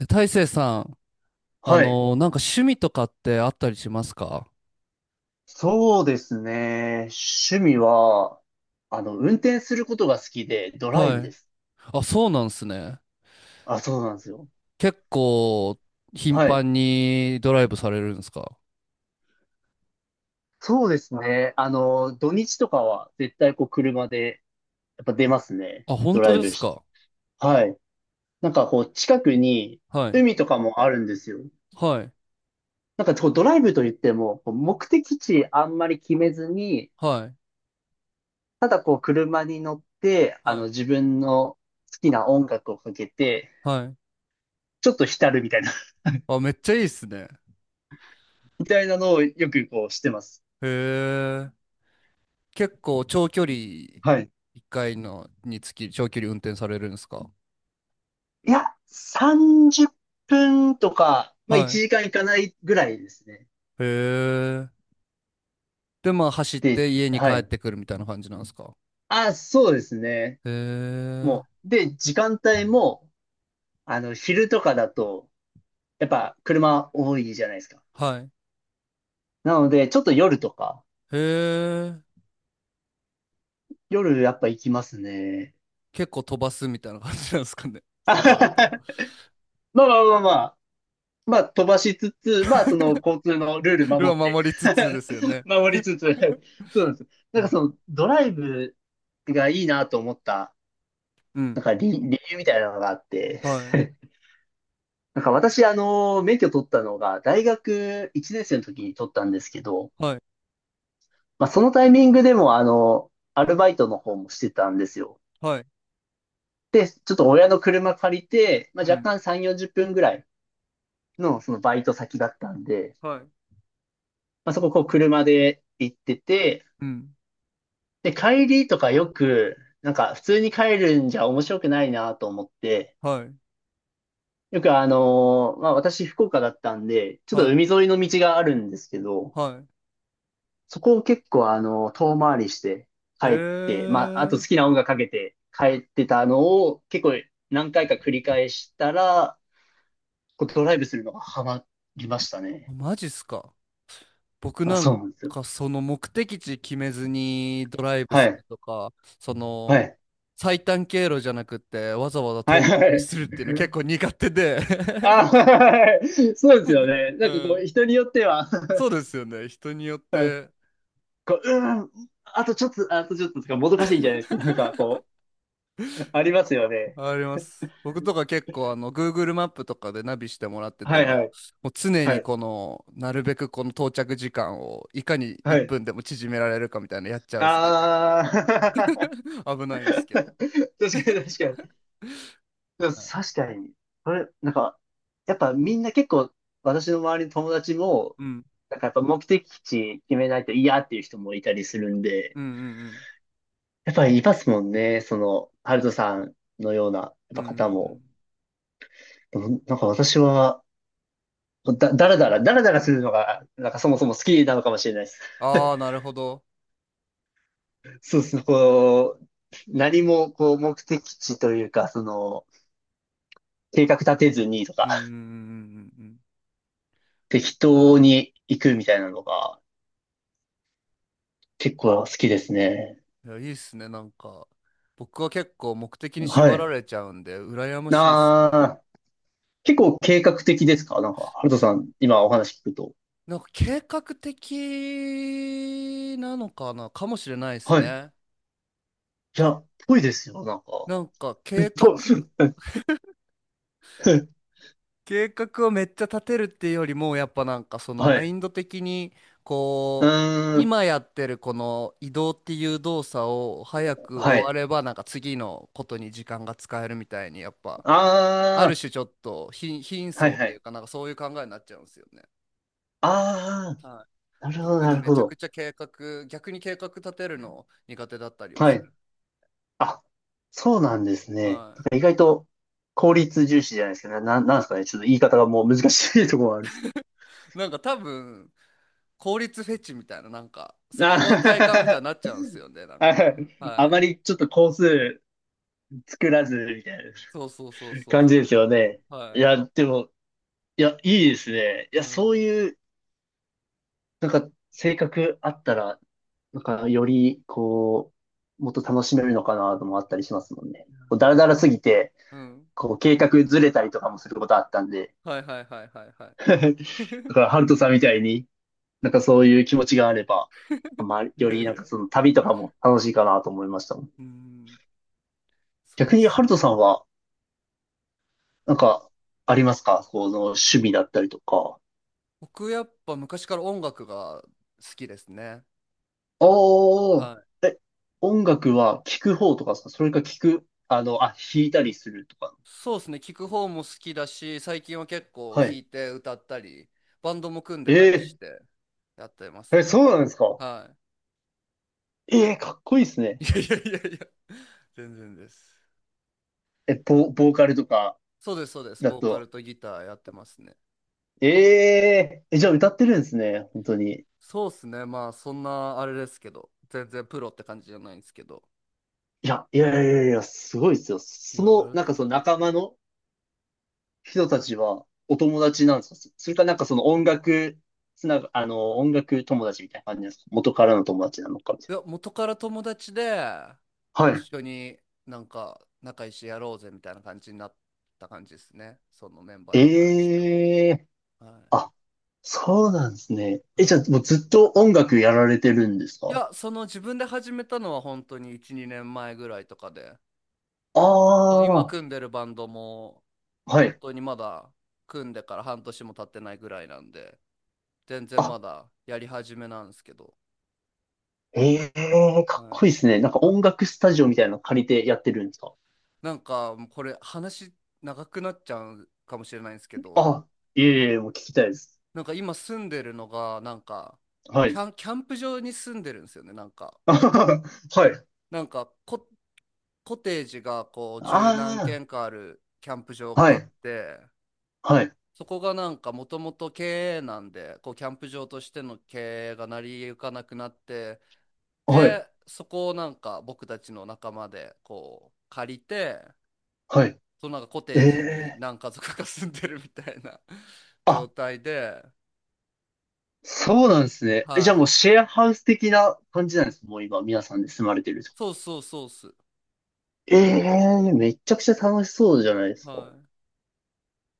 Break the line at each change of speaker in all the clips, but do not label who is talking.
大成さん、
はい。
なんか趣味とかってあったりしますか？
そうですね。趣味は、あの、運転することが好きで、ドライ
は
ブ
い。
です。
あ、そうなんですね。
あ、そうなんですよ。
結構、頻
はい。
繁にドライブされるんですか？
そうですね。あの、土日とかは絶対こう車で、やっぱ出ますね。
あ、本
ド
当
ライ
で
ブ
す
し。
か？
はい。なんかこう近くに
はい。
海とかもあるんですよ。
はい。
なんかこうドライブといっても、こう目的地あんまり決めずに、
はい。
ただこう車に乗って、あ
は
の
い。
自分の好きな音楽をかけて、
はい。
ちょっと浸るみたいな
あ、めっちゃいいっすね。
のをよくこうしてます。
へえ。結構、長距離、
はい。
一回のにつき、長距離運転されるんですか？
いや、30分とか、まあ
は
1
い。
時間いかないぐらいですね。
へえ。で、まあ、走っ
で、
て家に帰
は
っ
い。
てくるみたいな感じなんですか？
あ、そうですね。
へえ。
もう、で、時間帯も、あの、昼とかだと、やっぱ車多いじゃないですか。
はい。
なので、ちょっと夜とか、
へえ。
夜やっぱ行きますね。
結構飛ばすみたいな感じなんですかね。そうなると。
まあまあまあまあ、まあ飛ばしつつ、まあその交通のルール守
ルアー
って。
守りつつですよ ね。
守りつつ、そうなんです。な
う
んか
ん。
そのドライブがいいなと思った、
う
な
ん。
んか理由みたいなのがあって、
はい。
なんか私、あの、免許取ったのが、大学1年生の時に取ったんですけど、
はい。
まあ、そのタイミングでも、あの、アルバイトの方もしてたんですよ。
はい。
で、ちょっと親の車借りて、ま
う
あ、若
ん。
干3、40分ぐらいの、そのバイト先だったんで、
はい。
まあ、そこ、こう、車で行ってて、
うん。
で、帰りとかよく、なんか、普通に帰るんじゃ面白くないなと思って、
はい。
よくまあ私福岡だったんで、ちょっと
はい。
海沿いの道があるんですけど、
は
そこを結構あの遠回りして帰
い。へ
って、まああと
え。
好きな音楽かけて帰ってたのを結構何回か繰り返したら、こうドライブするのがハマりました
あ、
ね。
マジっすか。僕
あ、
なん
そうなんですよ。
かその目的地決めずにドライブ
は
する
い。
とか、そ
は
の
い。
最短経路じゃなくってわざわざ
はい。
遠回
は
り
い。
するっていうの結 構苦手で。
あ、はい。そうですよ ね。
う
なんかこ
ん。
う人によっては、
そうですよね。人によっ
はい。
て。
こう、うーん、あとちょっと、あとちょっととかもどかしいんじゃないですか。なんかこう、ありますよね。
あります。僕とか結構Google マップとかでナビしてもらって
は
て
いは
も、
い。
もう常
は
に
い。
このなるべくこの到着時間をいかに
は
1
い。
分でも縮められるかみたいなのやっちゃうっすね、結
あ
構。
あ。
危ないんです
確
け
か
ど。
に確かに。でも
はい。
確かに。これ、なんか、やっぱみんな結構、私の周りの友達も、
うん。
なんかやっぱ目的地決めないと嫌っていう人もいたりするんで、
うん。うん。
やっぱりいますもんね。その、ハルトさんのような、やっ
うん。
ぱ
うん。うん。う
方も。
ん。
でもなんか私は、だらだら、だらだらするのが、なんかそもそも好きなのかもしれないです。
ああー、なるほど。
そうですね。こう、何もこう目的地というか、その、計画立てずにと
う
か、
ん。うん。うん。うん。うん。
適当に行くみたいなのが結構好きですね。
うん。いや、いいっすね、なんか。僕は結構目的に
は
縛ら
い。
れちゃうんで、羨ましいっすね。
なあー、結構計画的ですか、なんか、ハルトさん、今お話聞くと。
なんか計画的なのかな、かもしれないです
はい。い
ね。
や、ぽいですよ、なんか。
なん
ぽ。
か計画、計画をめっちゃ立てるっていうよりも、やっぱなんかその
は
マイ
い。
ンド的に、
う
こう、
ーん。
今やってるこの移動っていう動作を早く
は
終わ
い。
れば、なんか次のことに時間が使えるみたいに、やっぱ、ある
あ
種ちょっと貧、貧
あ、はい
相っ
は
てい
い。
うかなんかそういう考えになっちゃうんですよね。
あ
はい。
あ、なるほど、
特
な
に
る
め
ほ
ちゃく
ど。
ちゃ逆に計画立てるの苦手だったりを
は
す
い。
る。
あ、そうなんですね。
は
なんか意外と効率重視じゃないですけど、なんですかね。ちょっと言い方がもう難しいところがある。
い。なんか多分、効率フェチみたいな、なんか、そこが快感みたい
あ、
になっちゃうんですよね、なんか。は
あま
い。
りちょっと工数作らずみたいな
そうそうそうそう
感じ
そ
で
う
すよ
そ
ね。
う。
い
はい。
や、でも、いや、いいですね。い
う
や、そう
ん。
いう、なんか、性格あったら、なんか、より、こう、もっと楽しめるのかなともあったりしますもんね。こう、だらだらすぎて、
うん。
こう、計画ずれたりとかもすることあったんで、
はい、はい、はい、はい、はい。
だ から、ハルトさんみたいに、なんかそういう気持ちがあれば、まあ、
い
よ
やい
り
や
な
い
ん
や。
かその旅とかも楽しいかなと思いましたもん。
うん。そ
逆
うで
に、
す
ハルト
ね。
さんは、なん
ぼ
か、ありますか、この趣味だったりとか。
僕やっぱ昔から音楽が好きですね。
お
は
ー、
い。
え、音楽は聴く方とかですか、それか聴く、あの、あ、弾いたりするとか。
そうですね。聞く方も好きだし、最近は結構
は
弾
い。
いて歌ったり、バンドも組んでたりし
え
てやってます
ー、え、
ね。
そうなんですか。
は
えー、かっこいいです
い。
ね。
いやいやいやいや、全然です。
え、ボーカルとか
そうです、そうです。
だ
ボーカル
と。
とギターやってますね。
えええ、じゃあ歌ってるんですね、本当に。
そうですね。まあ、そんなあれですけど、全然プロって感じじゃないんですけど。
いや、いやいやいや、すごいですよ。
い
そ
や、あり
の、
が
なん
と
か
うご
そ
ざい
の
ま
仲
す。
間の、人たちはお友達なんですか、それかなんかその音楽つなが、あの、音楽友達みたいな感じなんですか、元からの友達なのかみた
い
い
や、元から友達で、
な。は
一
い。
緒になんか仲良しやろうぜみたいな感じになった感じですね。そのメンバーに関しては。
ええ、
はい。
あ、そうなんですね。え、
は
じゃあもうずっと音楽やられてるんです
い。い
か。
や、その自分で始めたのは本当に1、2年前ぐらいとかで、
あ
その今
あー、
組んでるバンドも
は
本
い。
当にまだ組んでから半年も経ってないぐらいなんで、全然
あ、
まだやり始めなんですけど、
ええ、か
は
っこ
い、
いいですね。なんか音楽スタジオみたいなの借りてやってるんですか。
なんかもうこれ話長くなっちゃうかもしれないんですけど、
あ、いえいえ、もう聞きたいです。
なんか今住んでるのがなんか
は
キ
い。
ャン、キャンプ場に住んでるんですよね、なんか。
はい。
なんかコテージがこう十何
あ
軒かあるキャンプ場
あ、
が
は
あっ
い。
て、
はい。
そこがなんかもともと経営なんでこうキャンプ場としての経営が成り行かなくなって、
はい。
でそこをなんか僕たちの仲間でこう借りて、
は
そのなんかコ
い。
テージに
ええ、
何家族か住んでるみたいな 状
あ、
態で、
そうなんですね。え、じゃあ
は
もう
い。
シェアハウス的な感じなんです。もう今、皆さんで住まれてるってこと。
そうそうそうっす。
ええ、めちゃくちゃ楽しそうじゃないですか。
はい。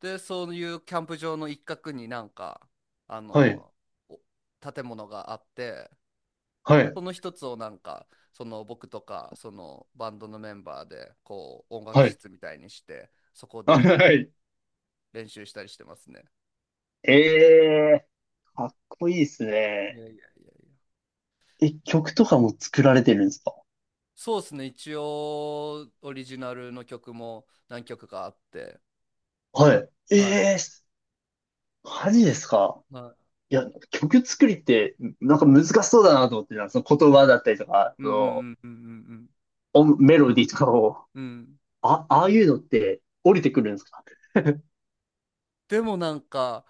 で、そういうキャンプ場の一角になんか、あ
はい、
の、お建物があって、
はい、
その一つをなんか、その僕とか、そのバンドのメンバーで、こう、音楽
はい。
室みたいにして、そこ
あ、
で
はい。
練習したりしてますね。
ええ、かっこいいです
いや
ね。
いやいやいや。
え、曲とかも作られてるんですか。
そうですね。一応、オリジナルの曲も何曲かあって、
はい。え
は
え、マジですか。
い。はい。
いや、曲作りって、なんか難しそうだなと思ってた、その言葉だったりとか、
うん。う
そ
ん。うん。うん。うん。
の、音メロディーとかを、
うん。うん。
あ、ああいうのって降りてくるんですか。
でもなんか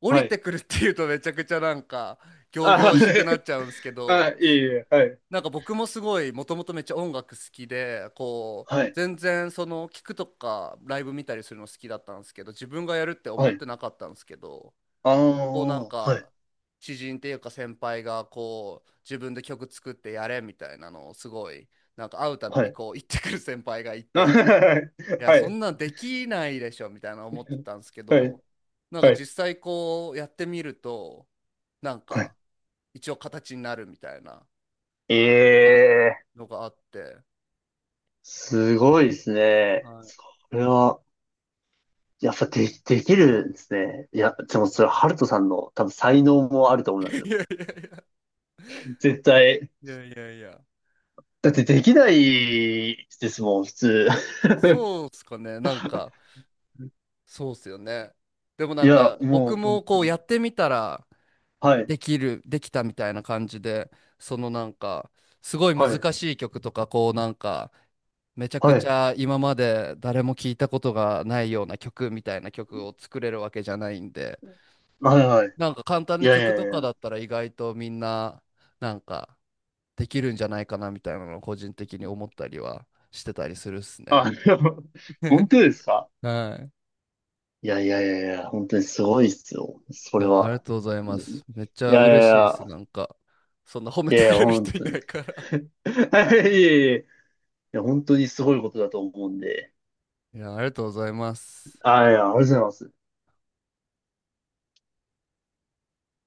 降
は
りて
い。
くるっていうとめちゃくちゃなんか仰
あ、
々しくなっちゃうんですけ
あ、
ど、
いえいえ、はい。
なんか僕もすごいもともとめっちゃ音楽好きでこう
はい。
全然その聞くとかライブ見たりするの好きだったんですけど、自分がやるって思
は
っ
い。
てなかったんですけど、
あ
こうな
あ、
ん
はい。
か知人っていうか先輩がこう自分で曲作ってやれみたいなのをすごい、なんか会うたび
は
に
い。
こう言ってくる先輩がい
あ。
て。い や、
は
そ
い。
んなんできないでしょみたいな思ってたんですけ
はい。はい。
ど、なん
は
か
い。
実際こうやってみると、なん
はい。
か一応形になるみたいな、
え
は
え、
い、のがあって。
すごいですね。
はい。
これは、やっぱで、できるんですね。いや、でもそれ、ハルトさんの多分才能もあると思いますよ。絶対。
いやいやいや、いやいやいや、
だってできないですもん、普通。
そうっすかね、なんかそうっすよね。でも
い
なん
や、
か僕
もう、
も
本当
こうや
に。
ってみたら
はい。
できる、できたみたいな感じで、そのなんかすごい
はい。
難しい曲とか、こうなんかめちゃく
は
ち
い。
ゃ今まで誰も聞いたことがないような曲みたいな曲を作れるわけじゃないんで、
はい。はい。
なんか簡単
い
な
やい
曲
や
と
い
かだ
や。
ったら意外とみんななんかできるんじゃないかなみたいなのを個人的に思ったりはしてたりするっすね。
あ、でも 本当ですか。
はい。
いやいやいやいや、本当にすごいっすよ。そ
い
れ
や、ありが
は。
とうございま
い
す。めっちゃ
やいやい
嬉しいです。
や、
なんか、そんな褒め
い
て
やい
く
や、
れる
本
人い
当
な
に。い
いから。
やいやいや、いや本当にすごいことだと思うんで。
いや、ありがとうございます。
あ、いや、ありがとうございます。